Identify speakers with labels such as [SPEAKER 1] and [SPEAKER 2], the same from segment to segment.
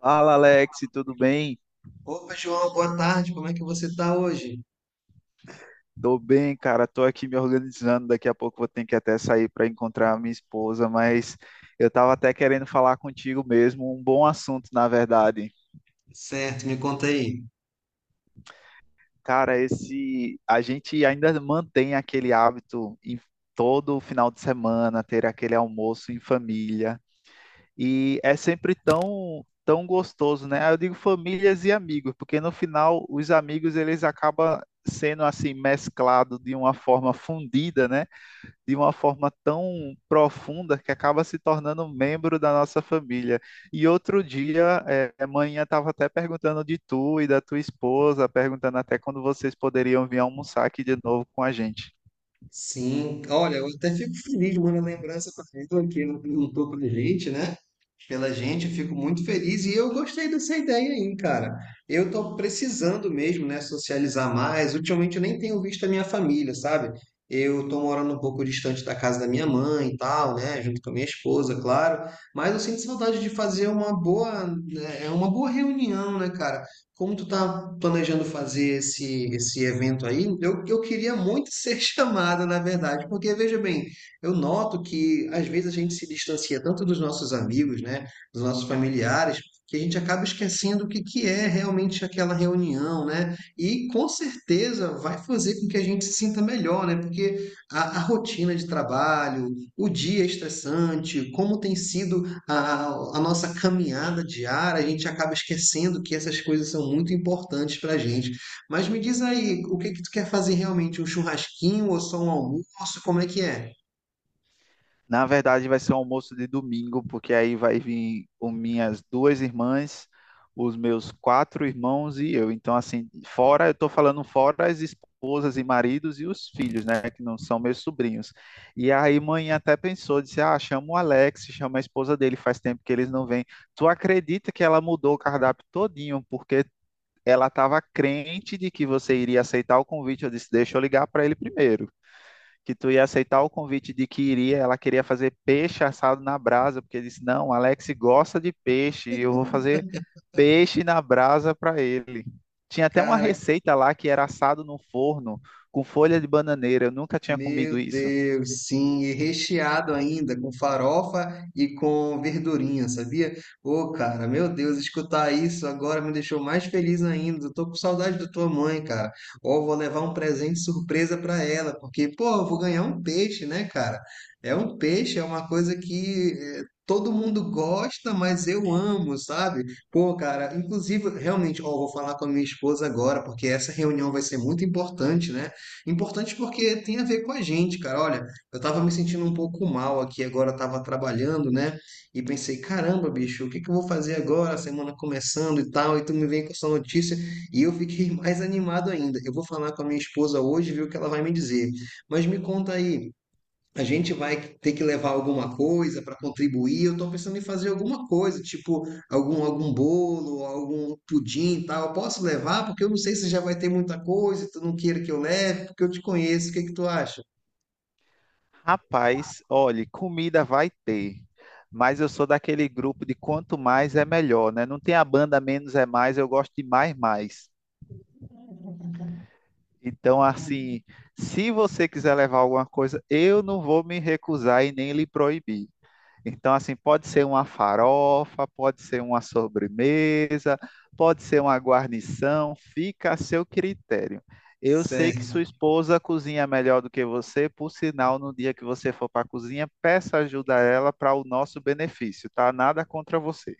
[SPEAKER 1] Fala, Alex, tudo bem?
[SPEAKER 2] Opa, João, boa tarde. Como é que você tá hoje?
[SPEAKER 1] Tô bem, cara. Tô aqui me organizando. Daqui a pouco vou ter que até sair para encontrar a minha esposa, mas eu tava até querendo falar contigo mesmo, um bom assunto, na verdade.
[SPEAKER 2] Certo, me conta aí.
[SPEAKER 1] Cara, esse a gente ainda mantém aquele hábito em todo final de semana ter aquele almoço em família e é sempre tão gostoso, né? Eu digo famílias e amigos, porque no final os amigos eles acabam sendo assim mesclado de uma forma fundida, né? De uma forma tão profunda que acaba se tornando membro da nossa família. E outro dia, a manhã estava até perguntando de tu e da tua esposa, perguntando até quando vocês poderiam vir almoçar aqui de novo com a gente.
[SPEAKER 2] Sim, olha, eu até fico feliz, mano, a lembrança pra mim do que não perguntou pra gente, né? Pela gente, eu fico muito feliz e eu gostei dessa ideia aí, cara. Eu tô precisando mesmo, né, socializar mais. Ultimamente eu nem tenho visto a minha família, sabe? Eu tô morando um pouco distante da casa da minha mãe e tal, né, junto com a minha esposa, claro, mas eu sinto saudade de fazer uma boa, né, é uma boa reunião, né, cara? Como tu tá planejando fazer esse evento aí, eu queria muito ser chamado, na verdade, porque veja bem, eu noto que às vezes a gente se distancia tanto dos nossos amigos, né, dos nossos familiares, que a gente acaba esquecendo o que, que é realmente aquela reunião, né? E com certeza vai fazer com que a gente se sinta melhor, né? Porque a rotina de trabalho, o dia estressante, como tem sido a nossa caminhada diária, a gente acaba esquecendo que essas coisas são muito importantes para a gente. Mas me diz aí, o que que tu quer fazer realmente? Um churrasquinho ou só um almoço? Como é que é?
[SPEAKER 1] Na verdade, vai ser um almoço de domingo, porque aí vai vir com minhas duas irmãs, os meus quatro irmãos e eu. Então, assim, fora, eu estou falando fora as esposas e maridos e os filhos, né, que não são meus sobrinhos. E aí, mãe até pensou, disse: ah, chama o Alex, chama a esposa dele, faz tempo que eles não vêm. Tu acredita que ela mudou o cardápio todinho, porque ela estava crente de que você iria aceitar o convite? Eu disse: deixa eu ligar para ele primeiro que tu ia aceitar o convite de que iria, ela queria fazer peixe assado na brasa, porque disse, não, Alex gosta de peixe, e eu vou fazer peixe na brasa para ele. Tinha até uma
[SPEAKER 2] Cara,
[SPEAKER 1] receita lá que era assado no forno com folha de bananeira, eu nunca tinha
[SPEAKER 2] meu
[SPEAKER 1] comido isso.
[SPEAKER 2] Deus, sim, e recheado ainda com farofa e com verdurinha, sabia? Ô, cara, meu Deus, escutar isso agora me deixou mais feliz ainda. Eu tô com saudade da tua mãe, cara. Ó, vou levar um presente surpresa pra ela, porque, pô, eu vou ganhar um peixe, né, cara? É um peixe, é uma coisa que todo mundo gosta, mas eu amo, sabe? Pô, cara, inclusive, realmente, ó, vou falar com a minha esposa agora, porque essa reunião vai ser muito importante, né? Importante porque tem a ver com a gente, cara. Olha, eu tava me sentindo um pouco mal aqui agora, eu tava trabalhando, né? E pensei, caramba, bicho, o que que eu vou fazer agora? A semana começando e tal, e tu me vem com essa notícia. E eu fiquei mais animado ainda. Eu vou falar com a minha esposa hoje, ver o que ela vai me dizer. Mas me conta aí, a gente vai ter que levar alguma coisa para contribuir. Eu estou pensando em fazer alguma coisa, tipo algum bolo, algum pudim e tal. Eu posso levar? Porque eu não sei se já vai ter muita coisa, tu não queira que eu leve, porque eu te conheço. O que que tu acha?
[SPEAKER 1] Rapaz, olhe, comida vai ter, mas eu sou daquele grupo de quanto mais é melhor, né? Não tem a banda menos é mais, eu gosto de mais mais. Então, assim, se você quiser levar alguma coisa, eu não vou me recusar e nem lhe proibir. Então, assim, pode ser uma farofa, pode ser uma sobremesa, pode ser uma guarnição, fica a seu critério. Eu sei que sua
[SPEAKER 2] Certo.
[SPEAKER 1] esposa cozinha melhor do que você, por sinal, no dia que você for para a cozinha, peça ajuda a ela para o nosso benefício, tá? Nada contra você.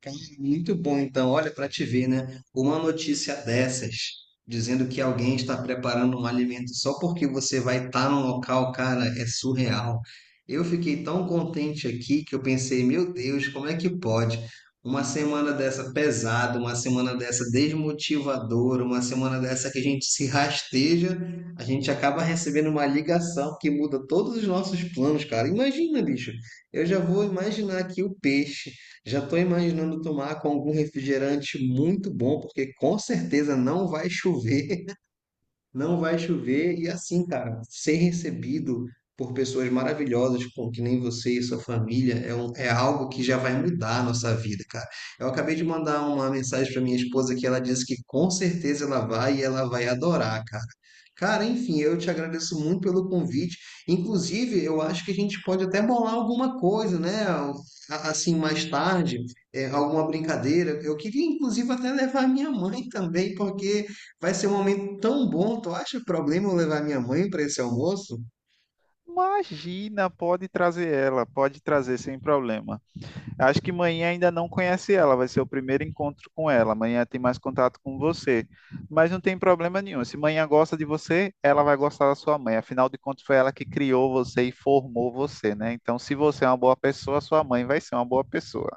[SPEAKER 2] Cara, muito bom, então. Olha, para te ver, né? Uma notícia dessas, dizendo que alguém está preparando um alimento só porque você vai estar num local, cara, é surreal. Eu fiquei tão contente aqui que eu pensei, meu Deus, como é que pode? Uma semana dessa pesada, uma semana dessa desmotivadora, uma semana dessa que a gente se rasteja, a gente acaba recebendo uma ligação que muda todos os nossos planos, cara. Imagina, bicho. Eu já vou imaginar aqui o peixe, já estou imaginando tomar com algum refrigerante muito bom, porque com certeza não vai chover, não vai chover. E assim, cara, ser recebido por pessoas maravilhosas, com que nem você e sua família, é, é algo que já vai mudar a nossa vida, cara. Eu acabei de mandar uma mensagem para minha esposa que ela disse que com certeza ela vai e ela vai adorar, cara. Cara, enfim, eu te agradeço muito pelo convite. Inclusive, eu acho que a gente pode até bolar alguma coisa, né? Assim, mais tarde, é, alguma brincadeira. Eu queria, inclusive, até levar a minha mãe também, porque vai ser um momento tão bom. Tu acha problema eu levar minha mãe para esse almoço?
[SPEAKER 1] Imagina, pode trazer ela, pode trazer sem problema. Acho que manhã ainda não conhece ela, vai ser o primeiro encontro com ela. Amanhã tem mais contato com você. Mas não tem problema nenhum. Se manhã gosta de você, ela vai gostar da sua mãe. Afinal de contas, foi ela que criou você e formou você, né? Então, se você é uma boa pessoa, sua mãe vai ser uma boa pessoa.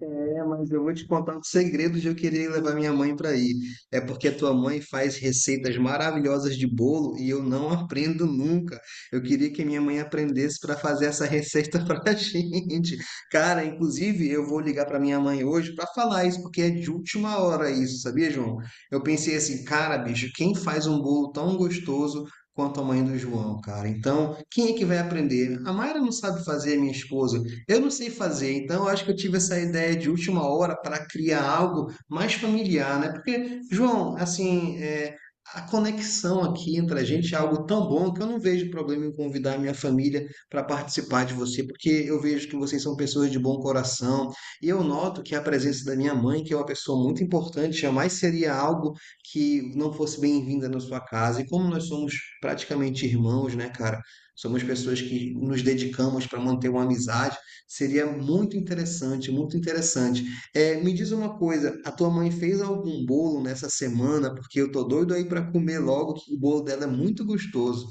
[SPEAKER 2] É, mas eu vou te contar o segredo de eu querer levar minha mãe para ir. É porque a tua mãe faz receitas maravilhosas de bolo e eu não aprendo nunca. Eu queria que minha mãe aprendesse para fazer essa receita para a gente. Cara, inclusive eu vou ligar para minha mãe hoje para falar isso, porque é de última hora isso, sabia, João? Eu pensei assim, cara, bicho, quem faz um bolo tão gostoso quanto a mãe do João, cara? Então, quem é que vai aprender? A Mayra não sabe fazer, minha esposa. Eu não sei fazer, então eu acho que eu tive essa ideia de última hora para criar algo mais familiar, né? Porque, João, assim, é, a conexão aqui entre a gente é algo tão bom que eu não vejo problema em convidar a minha família para participar de você, porque eu vejo que vocês são pessoas de bom coração, e eu noto que a presença da minha mãe, que é uma pessoa muito importante, jamais seria algo que não fosse bem-vinda na sua casa. E como nós somos praticamente irmãos, né, cara? Somos pessoas que nos dedicamos para manter uma amizade. Seria muito interessante, muito interessante. Me diz uma coisa, a tua mãe fez algum bolo nessa semana? Porque eu tô doido aí para comer logo, que o bolo dela é muito gostoso.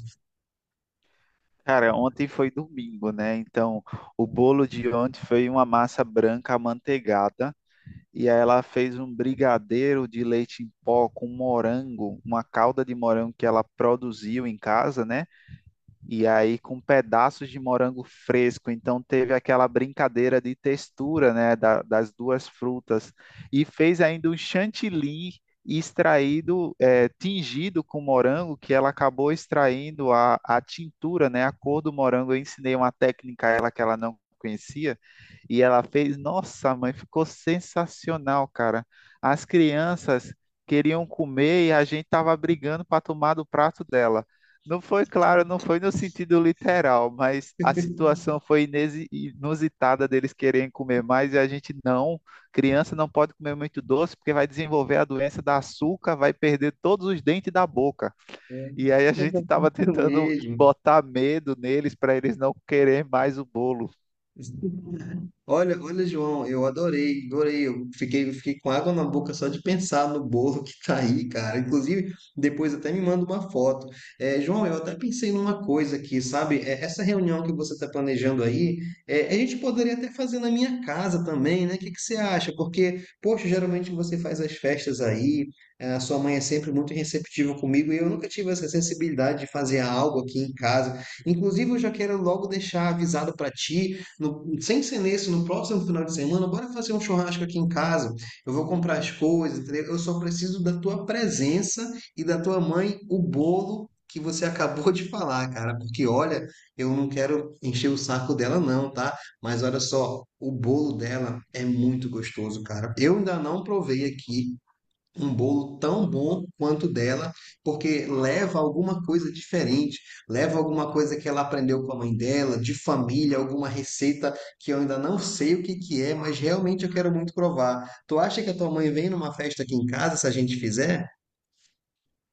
[SPEAKER 1] Cara, ontem foi domingo, né? Então, o bolo de ontem foi uma massa branca amanteigada. E aí ela fez um brigadeiro de leite em pó com morango, uma calda de morango que ela produziu em casa, né? E aí com pedaços de morango fresco. Então teve aquela brincadeira de textura, né, das duas frutas. E fez ainda um chantilly extraído, tingido com morango, que ela acabou extraindo a tintura, né, a cor do morango. Eu ensinei uma técnica a ela que ela não conhecia e ela fez, nossa, mãe, ficou sensacional, cara. As crianças queriam comer e a gente tava brigando para tomar do prato dela. Não foi claro, não foi no sentido literal, mas a situação foi inusitada deles quererem comer mais e a gente não. Criança não pode comer muito doce porque vai desenvolver a doença da açúcar, vai perder todos os dentes da boca. E aí a gente estava tentando
[SPEAKER 2] Mesmo.
[SPEAKER 1] botar medo neles para eles não quererem mais o bolo.
[SPEAKER 2] Olha, olha, João, eu adorei, adorei. Eu fiquei com água na boca só de pensar no bolo que tá aí, cara. Inclusive, depois até me manda uma foto. É, João, eu até pensei numa coisa aqui, sabe? É, essa reunião que você está planejando aí, é, a gente poderia até fazer na minha casa também, né? O que que você acha? Porque, poxa, geralmente você faz as festas aí, é, a sua mãe é sempre muito receptiva comigo e eu nunca tive essa sensibilidade de fazer algo aqui em casa. Inclusive, eu já quero logo deixar avisado para ti, sem ser nesse, no próximo final de semana, bora fazer um churrasco aqui em casa. Eu vou comprar as coisas, entendeu? Eu só preciso da tua presença e da tua mãe o bolo que você acabou de falar, cara. Porque olha, eu não quero encher o saco dela, não, tá? Mas olha só, o bolo dela é muito gostoso, cara. Eu ainda não provei aqui, um bolo tão bom quanto o dela, porque leva alguma coisa diferente, leva alguma coisa que ela aprendeu com a mãe dela, de família, alguma receita que eu ainda não sei o que que é, mas realmente eu quero muito provar. Tu acha que a tua mãe vem numa festa aqui em casa se a gente fizer?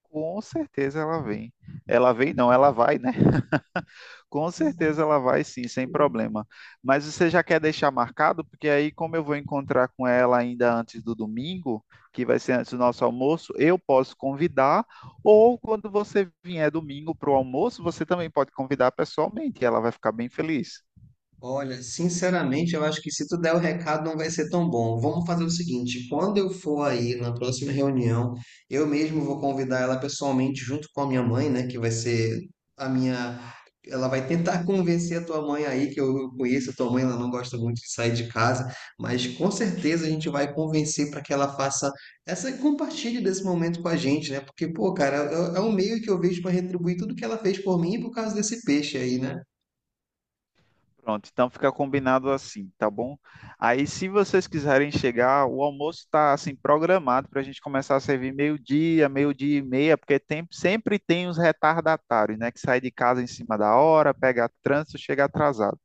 [SPEAKER 1] Com certeza ela vem. Ela vem, não, ela vai, né? Com certeza ela vai sim, sem problema. Mas você já quer deixar marcado? Porque aí, como eu vou encontrar com ela ainda antes do domingo, que vai ser antes do nosso almoço, eu posso convidar. Ou quando você vier domingo para o almoço, você também pode convidar pessoalmente. Ela vai ficar bem feliz.
[SPEAKER 2] Olha, sinceramente, eu acho que se tu der o recado não vai ser tão bom. Vamos fazer o seguinte, quando eu for aí na próxima reunião, eu mesmo vou convidar ela pessoalmente junto com a minha mãe, né, que vai ser a minha, ela vai tentar convencer a tua mãe aí, que eu conheço a tua mãe, ela não gosta muito de sair de casa, mas com certeza a gente vai convencer para que ela faça essa compartilhe desse momento com a gente, né? Porque, pô, cara, é um meio que eu vejo para retribuir tudo que ela fez por mim por causa desse peixe aí, né?
[SPEAKER 1] Pronto, então fica combinado assim, tá bom? Aí, se vocês quiserem chegar, o almoço está assim programado para a gente começar a servir meio-dia, meio-dia e meia, porque tem, sempre tem os retardatários, né? Que sai de casa em cima da hora, pega trânsito, chega atrasado.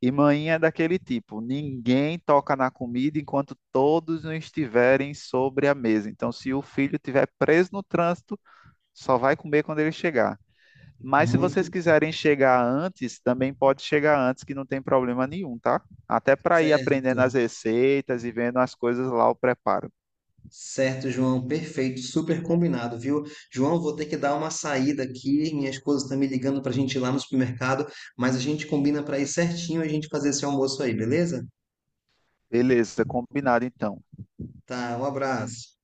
[SPEAKER 1] E manhã é daquele tipo, ninguém toca na comida enquanto todos não estiverem sobre a mesa. Então, se o filho estiver preso no trânsito, só vai comer quando ele chegar. Mas se
[SPEAKER 2] Muito
[SPEAKER 1] vocês quiserem chegar antes, também pode chegar antes, que não tem problema nenhum, tá? Até para ir
[SPEAKER 2] certo.
[SPEAKER 1] aprendendo as receitas e vendo as coisas lá, o preparo.
[SPEAKER 2] Certo, João, perfeito, super combinado, viu? João, vou ter que dar uma saída aqui, minha esposa está me ligando para a gente ir lá no supermercado, mas a gente combina para ir certinho e a gente fazer esse almoço aí, beleza?
[SPEAKER 1] Beleza, combinado então.
[SPEAKER 2] Tá, um abraço.